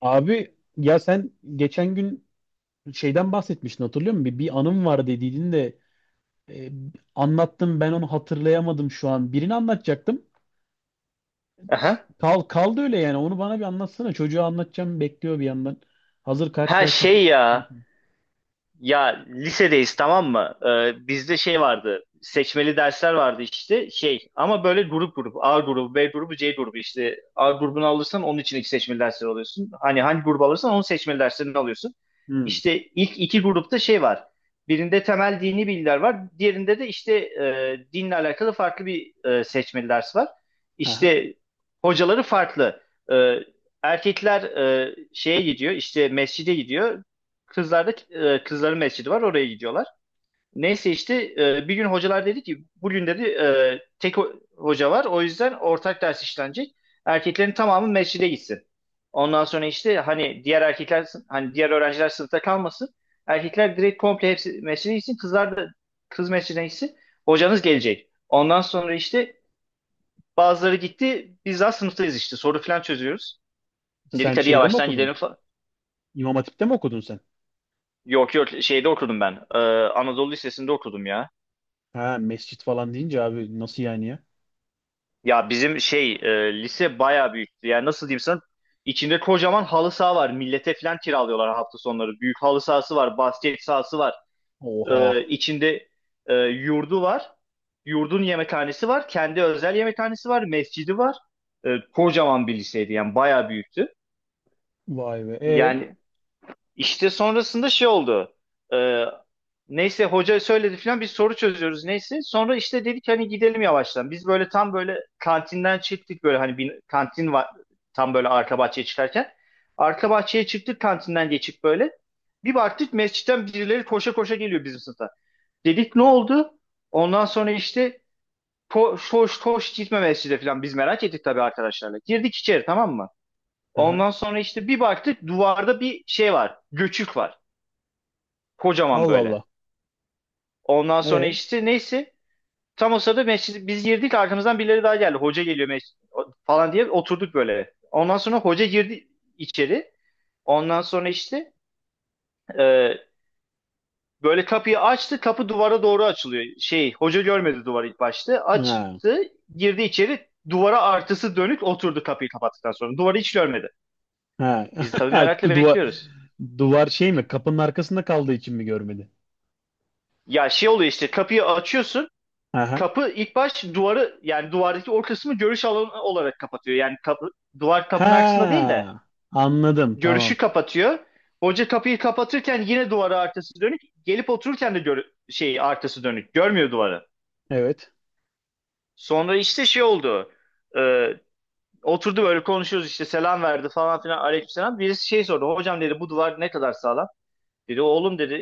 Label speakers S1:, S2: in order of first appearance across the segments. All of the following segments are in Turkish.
S1: Abi ya sen geçen gün şeyden bahsetmiştin hatırlıyor musun? Bir anım var dediydin de e, anlattım ben onu hatırlayamadım şu an. Birini anlatacaktım.
S2: Aha.
S1: Kaldı öyle yani onu bana bir anlatsana. Çocuğa anlatacağım bekliyor bir yandan. Hazır
S2: Ha
S1: karşılaşmışız.
S2: şey ya. Ya lisedeyiz, tamam mı? Bizde şey vardı. Seçmeli dersler vardı işte şey, ama böyle grup grup A grubu B grubu C grubu işte A grubunu alırsan onun için iki seçmeli dersleri alıyorsun. Hani hangi grubu alırsan onun seçmeli derslerini alıyorsun.
S1: Hmm.
S2: İşte ilk iki grupta şey var. Birinde temel dini bilgiler var. Diğerinde de işte dinle alakalı farklı bir seçmeli ders var.
S1: Aha.
S2: İşte hocaları farklı. E, Erkekler şeye gidiyor, işte mescide gidiyor. Kızlarda kızların mescidi var, oraya gidiyorlar. Neyse işte bir gün hocalar dedi ki bugün dedi tek hoca var, o yüzden ortak ders işlenecek. Erkeklerin tamamı mescide gitsin. Ondan sonra işte hani diğer erkekler hani diğer öğrenciler sınıfta kalmasın. Erkekler direkt komple hepsi mescide gitsin. Kızlar da kız mescidine gitsin. Hocanız gelecek. Ondan sonra işte bazıları gitti. Biz daha sınıftayız işte. Soru falan çözüyoruz. Dedik
S1: Sen
S2: hadi
S1: şeyde mi
S2: yavaştan
S1: okudun?
S2: gidelim falan.
S1: İmam Hatip'te mi okudun sen?
S2: Yok yok, şeyde okudum ben. Anadolu Lisesi'nde okudum ya.
S1: Ha mescit falan deyince abi nasıl yani ya?
S2: Ya bizim şey lise bayağı büyüktü. Yani nasıl diyeyim sana? İçinde kocaman halı saha var. Millete falan kiralıyorlar hafta sonları. Büyük halı sahası var, basket sahası var.
S1: Oha.
S2: İçinde yurdu var. Yurdun yemekhanesi var. Kendi özel yemekhanesi var. Mescidi var. Kocaman bir liseydi, yani bayağı büyüktü.
S1: Vay be. E.
S2: Yani işte sonrasında şey oldu. Ee, Neyse, hoca söyledi falan, biz soru çözüyoruz neyse. Sonra işte dedik hani gidelim yavaştan. Biz böyle tam böyle kantinden çıktık böyle, hani bir kantin var tam böyle arka bahçeye çıkarken. Arka bahçeye çıktık kantinden geçip böyle. Bir baktık mescitten birileri koşa koşa geliyor bizim sınıfa. Dedik, ne oldu? Ondan sonra işte koş koş koş, gitme mescide falan, biz merak ettik tabii arkadaşlarla. Girdik içeri, tamam mı?
S1: Aha.
S2: Ondan sonra işte bir baktık duvarda bir şey var. Göçük var. Kocaman
S1: Allah Allah.
S2: böyle. Ondan sonra
S1: E.
S2: işte neyse. Tam o sırada mescid, biz girdik, arkamızdan birileri daha geldi. Hoca geliyor mescid falan diye oturduk böyle. Ondan sonra hoca girdi içeri. Ondan sonra işte e, böyle kapıyı açtı. Kapı duvara doğru açılıyor. Şey hoca görmedi duvarı ilk başta.
S1: Ha.
S2: Açtı, girdi içeri. Duvara artısı dönük oturdu, kapıyı kapattıktan sonra. Duvarı hiç görmedi.
S1: Ha.
S2: Biz tabii merakla
S1: Duvar,
S2: bekliyoruz.
S1: duvar şey mi? Kapının arkasında kaldığı için mi görmedi?
S2: Ya şey oluyor işte, kapıyı açıyorsun.
S1: Aha.
S2: Kapı ilk baş duvarı yani duvardaki o kısmı görüş alanı olarak kapatıyor. Yani kapı, duvar kapının arkasında değil de
S1: Ha, anladım.
S2: görüşü
S1: Tamam.
S2: kapatıyor. Hoca kapıyı kapatırken yine duvara arkası dönük. Gelip otururken de şey arkası dönük. Görmüyor duvarı.
S1: Evet.
S2: Sonra işte şey oldu. Ee, Oturdu böyle, konuşuyoruz işte, selam verdi falan filan, aleykümselam. Birisi şey sordu. Hocam dedi, bu duvar ne kadar sağlam? Dedi oğlum dedi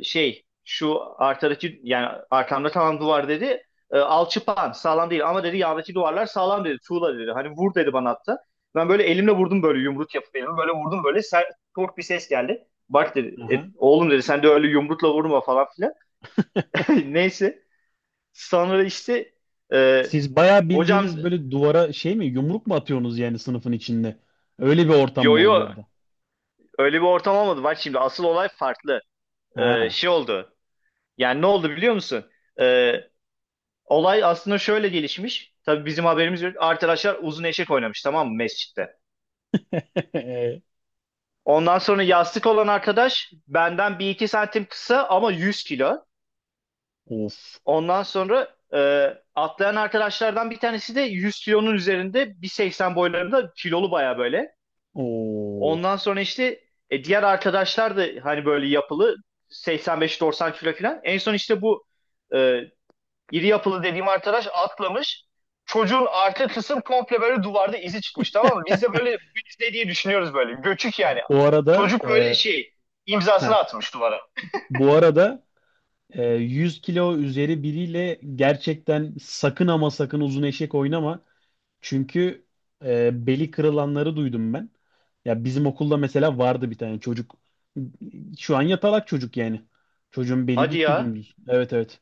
S2: şey şu arkadaki yani arkamda, tamam duvar dedi. Alçıpan sağlam değil ama dedi, yandaki duvarlar sağlam dedi. Tuğla dedi. Hani vur dedi bana hatta. Ben böyle elimle vurdum böyle, yumruk yapıp elimi böyle vurdum, böyle sert tok bir ses geldi. Bak dedi, "
S1: Aha.
S2: oğlum dedi sen de öyle yumrukla vurma falan filan. Neyse, sonra işte e,
S1: Siz bayağı
S2: hocam,
S1: bildiğiniz böyle duvara şey mi? Yumruk mu atıyorsunuz yani sınıfın içinde? Öyle bir ortam
S2: yo
S1: mı oldu
S2: yo,
S1: orada?
S2: öyle bir ortam olmadı. Bak şimdi, asıl olay farklı.
S1: Ha.
S2: Şey oldu. Yani ne oldu biliyor musun? E, Olay aslında şöyle gelişmiş. Tabii bizim haberimiz yok. Arkadaşlar uzun eşek oynamış, tamam mı, mescitte. Ondan sonra yastık olan arkadaş benden bir iki santim kısa, ama 100 kilo.
S1: Of.
S2: Ondan sonra e, atlayan arkadaşlardan bir tanesi de 100 kilonun üzerinde, 1,80 boylarında, kilolu baya böyle.
S1: Oo.
S2: Ondan sonra işte diğer arkadaşlar da hani böyle yapılı, 85-90 kilo falan. En son işte bu e, İri yapılı dediğim arkadaş atlamış. Çocuğun arka kısım komple böyle duvarda izi çıkmış, tamam mı? Biz de böyle bu iz ne diye düşünüyoruz böyle. Göçük yani.
S1: Bu arada
S2: Çocuk böyle
S1: e,
S2: şey imzasını
S1: heh,
S2: atmış duvara.
S1: bu arada, 100 kilo üzeri biriyle gerçekten sakın ama sakın uzun eşek oynama. Çünkü beli kırılanları duydum ben. Ya bizim okulda mesela vardı bir tane çocuk. Şu an yatalak çocuk yani. Çocuğun beli
S2: Hadi
S1: gitti
S2: ya.
S1: dümdüz. Evet, evet.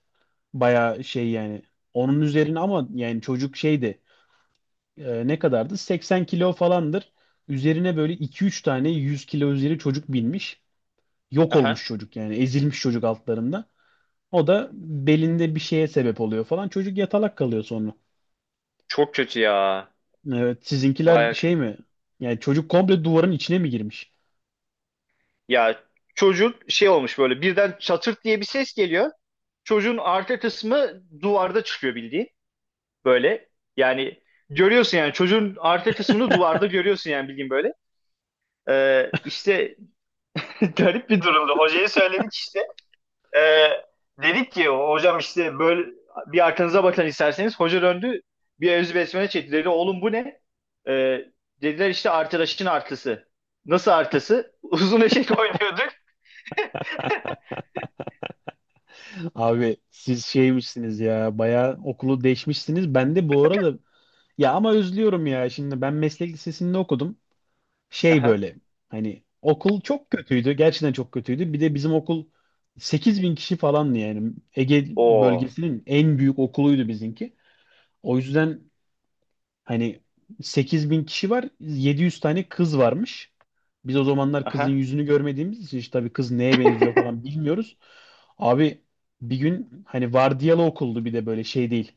S1: Bayağı şey yani. Onun üzerine ama yani çocuk şeydi. Ne kadardı? 80 kilo falandır. Üzerine böyle iki üç tane 100 kilo üzeri çocuk binmiş. Yok olmuş
S2: Aha.
S1: çocuk yani. Ezilmiş çocuk altlarında. O da belinde bir şeye sebep oluyor falan. Çocuk yatalak kalıyor sonra.
S2: Çok kötü ya.
S1: Evet, sizinkiler
S2: Baya
S1: şey
S2: kötü.
S1: mi? Yani çocuk komple duvarın içine mi girmiş?
S2: Ya çocuk şey olmuş böyle, birden çatırt diye bir ses geliyor. Çocuğun arka kısmı duvarda çıkıyor bildiğin. Böyle yani, görüyorsun yani, çocuğun arka kısmını duvarda görüyorsun yani bildiğin böyle. İşte garip bir durumdu. Hocaya söyledik işte. Ee, Dedik ki hocam işte, böyle bir arkanıza bakın isterseniz. Hoca döndü, bir evzi besmele çekti. Dedi, oğlum bu ne? Ee, Dediler işte arkadaşın artısı. Nasıl artısı? Uzun eşek oynuyorduk.
S1: Abi siz şeymişsiniz ya. Bayağı okulu değişmişsiniz. Ben de bu arada ya ama özlüyorum ya. Şimdi ben meslek lisesinde okudum. Şey
S2: Aha.
S1: böyle hani okul çok kötüydü. Gerçekten çok kötüydü. Bir de bizim okul 8.000 kişi falandı yani. Ege
S2: Oo.
S1: bölgesinin en büyük okuluydu bizimki. O yüzden hani 8.000 kişi var, 700 tane kız varmış. Biz o zamanlar kızın
S2: Aha.
S1: yüzünü görmediğimiz için işte tabii kız neye benziyor falan bilmiyoruz. Abi bir gün hani vardiyalı okuldu, bir de böyle şey değil.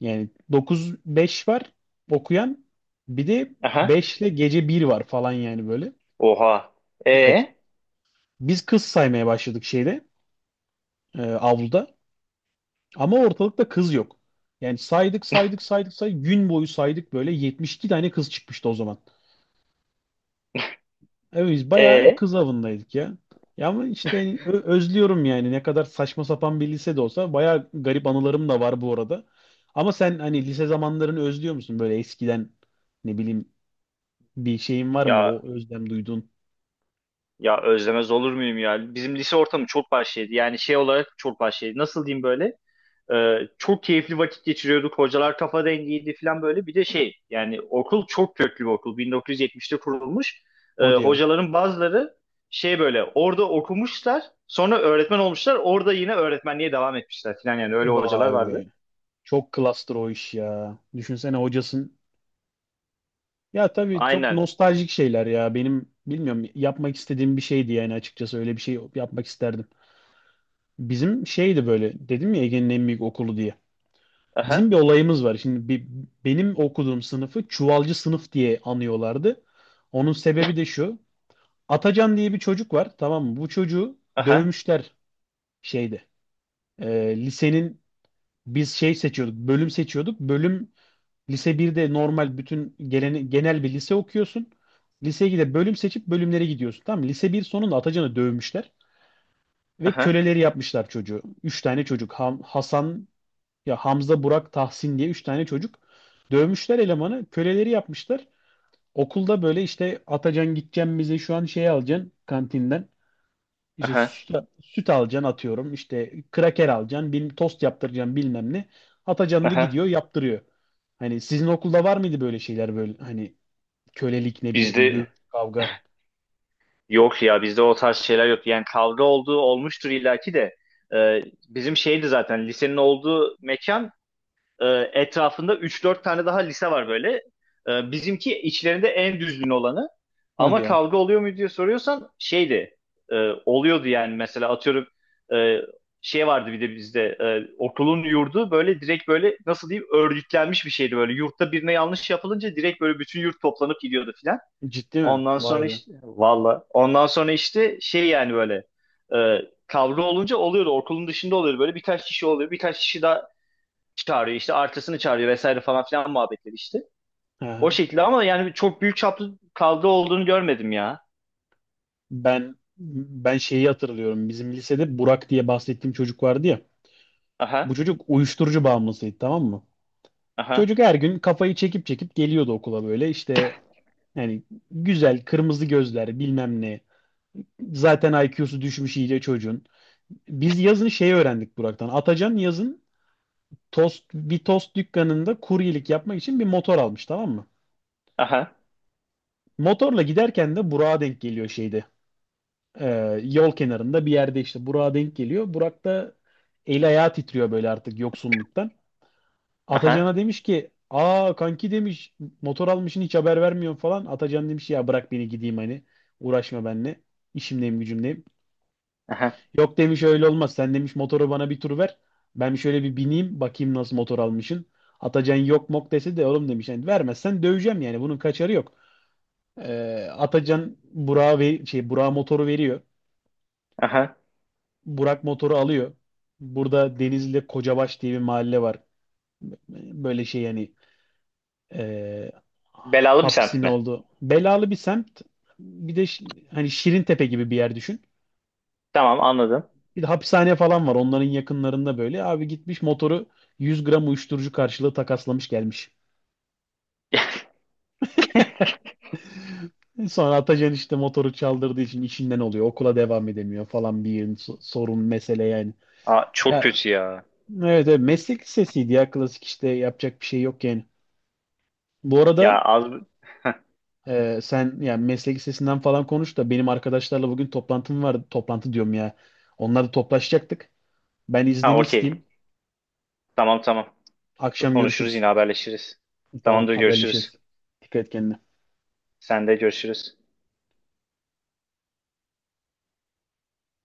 S1: Yani 9-5 var okuyan, bir de
S2: Aha.
S1: 5 ile gece bir var falan yani böyle.
S2: Oha.
S1: Evet.
S2: E
S1: Biz kız saymaya başladık şeyde, avluda, ama ortalıkta kız yok. Yani saydık saydık saydık saydık gün boyu saydık böyle, 72 tane kız çıkmıştı o zaman. Evet, biz bayağı
S2: e
S1: kız avındaydık ya. Ya ama işte hani özlüyorum yani ne kadar saçma sapan bir lise de olsa bayağı garip anılarım da var bu arada. Ama sen hani lise zamanlarını özlüyor musun böyle eskiden ne bileyim bir şeyin var mı
S2: Ya
S1: o özlem duyduğun?
S2: ya özlemez olur muyum ya? Bizim lise ortamı çok vahşiydi. Yani şey olarak çok vahşiydi. Nasıl diyeyim böyle? Çok keyifli vakit geçiriyorduk. Hocalar kafa dengiydi falan böyle. Bir de şey, yani okul çok köklü bir okul. 1970'te kurulmuş.
S1: Hadi ya.
S2: Hocaların bazıları şey böyle orada okumuşlar. Sonra öğretmen olmuşlar. Orada yine öğretmenliğe devam etmişler falan, yani öyle hocalar
S1: Vay
S2: vardı.
S1: be. Çok klastır o iş ya. Düşünsene hocasın. Ya tabii çok
S2: Aynen.
S1: nostaljik şeyler ya. Benim bilmiyorum yapmak istediğim bir şeydi yani, açıkçası öyle bir şey yapmak isterdim. Bizim şeydi böyle, dedim ya, Ege'nin en büyük okulu diye. Bizim
S2: Aha.
S1: bir olayımız var. Şimdi benim okuduğum sınıfı çuvalcı sınıf diye anıyorlardı. Onun sebebi de şu. Atacan diye bir çocuk var. Tamam mı? Bu çocuğu
S2: Aha.
S1: dövmüşler şeyde. Lisenin biz şey seçiyorduk. Bölüm seçiyorduk. Bölüm, lise birde normal bütün genel bir lise okuyorsun. Liseye gidip bölüm seçip bölümlere gidiyorsun. Tamam mı? Lise bir sonunda Atacan'ı dövmüşler. Ve
S2: Aha.
S1: köleleri yapmışlar çocuğu. Üç tane çocuk. Hasan, ya Hamza, Burak, Tahsin diye üç tane çocuk. Dövmüşler elemanı. Köleleri yapmışlar. Okulda böyle işte Atacan gideceğim bize şu an şey alacaksın kantinden. İşte
S2: Aha.
S1: süt alacaksın atıyorum. İşte kraker alacaksın. Tost yaptıracaksın bilmem ne. Atacan da
S2: Aha.
S1: gidiyor yaptırıyor. Hani sizin okulda var mıydı böyle şeyler, böyle hani kölelik, ne bileyim, dövüş,
S2: Bizde
S1: kavga.
S2: yok ya, bizde o tarz şeyler yok. Yani kavga olduğu olmuştur illaki de. Ee, Bizim şeydi zaten, lisenin olduğu mekan, E, etrafında üç dört tane daha lise var böyle. Bizimki içlerinde en düzgün olanı.
S1: Hadi
S2: Ama
S1: ya.
S2: kavga oluyor mu diye soruyorsan şeydi e, oluyordu yani, mesela atıyorum e, şey vardı bir de bizde okulun yurdu böyle direkt böyle nasıl diyeyim, örgütlenmiş bir şeydi böyle, yurtta birine yanlış yapılınca direkt böyle bütün yurt toplanıp gidiyordu filan.
S1: Ciddi mi?
S2: Ondan
S1: Vay
S2: sonra
S1: be.
S2: işte valla, ondan sonra işte şey yani böyle e, kavga olunca oluyordu, okulun dışında oluyordu, böyle birkaç kişi oluyor birkaç kişi daha çağırıyor işte artısını çağırıyor vesaire falan filan muhabbetleri işte.
S1: Hı
S2: O
S1: hı.
S2: şekilde, ama yani çok büyük çaplı kavga olduğunu görmedim ya.
S1: Ben şeyi hatırlıyorum. Bizim lisede Burak diye bahsettiğim çocuk vardı ya. Bu
S2: Aha,
S1: çocuk uyuşturucu bağımlısıydı, tamam mı?
S2: aha,
S1: Çocuk her gün kafayı çekip çekip geliyordu okula, böyle işte yani güzel kırmızı gözler, bilmem ne. Zaten IQ'su düşmüş iyice çocuğun. Biz yazın şey öğrendik Burak'tan. Atacan yazın bir tost dükkanında kuryelik yapmak için bir motor almış, tamam mı?
S2: aha,
S1: Motorla giderken de Burak'a denk geliyor şeyde. Yol kenarında bir yerde işte Burak'a denk geliyor. Burak da eli ayağı titriyor böyle artık yoksunluktan.
S2: aha,
S1: Atacan'a demiş ki, "Aa, kanki," demiş, "motor almışsın, hiç haber vermiyorsun," falan. Atacan demiş, "Ya bırak beni gideyim, hani uğraşma benimle. İşimdeyim gücümdeyim."
S2: aha,
S1: "Yok," demiş, "öyle olmaz. Sen," demiş, "motoru bana bir tur ver. Ben şöyle bir bineyim, bakayım nasıl motor almışsın." Atacan yok mok dese de, "Oğlum," demiş, "yani vermezsen döveceğim, yani bunun kaçarı yok." Atacan Burak'a ve şey Burak motoru veriyor.
S2: aha.
S1: Burak motoru alıyor. Burada Denizli'de Kocabaş diye bir mahalle var. Böyle şey yani, e,
S2: Belalı bir
S1: hapsin
S2: semt mi?
S1: oldu. Belalı bir semt. Bir de hani Şirintepe gibi bir yer düşün.
S2: Tamam, anladım.
S1: Bir de hapishane falan var onların yakınlarında böyle. Abi gitmiş motoru 100 gram uyuşturucu karşılığı takaslamış gelmiş. Sonra Atacan işte motoru çaldırdığı için işinden oluyor. Okula devam edemiyor falan, bir yığın sorun, mesele yani.
S2: Aa, çok
S1: Ya
S2: kötü ya.
S1: evet, evet meslek lisesiydi ya, klasik işte, yapacak bir şey yok yani. Bu
S2: Ya
S1: arada,
S2: az.
S1: Sen yani meslek lisesinden falan konuş da, benim arkadaşlarla bugün toplantım vardı. Toplantı diyorum ya. Onlarla toplaşacaktık. Ben
S2: Ha,
S1: iznini
S2: okey.
S1: isteyeyim.
S2: Tamam tamam.
S1: Akşam
S2: Konuşuruz,
S1: görüşürüz.
S2: yine haberleşiriz.
S1: Tamam,
S2: Tamamdır,
S1: haberleşiriz.
S2: görüşürüz.
S1: Dikkat et kendine.
S2: Sen de, görüşürüz.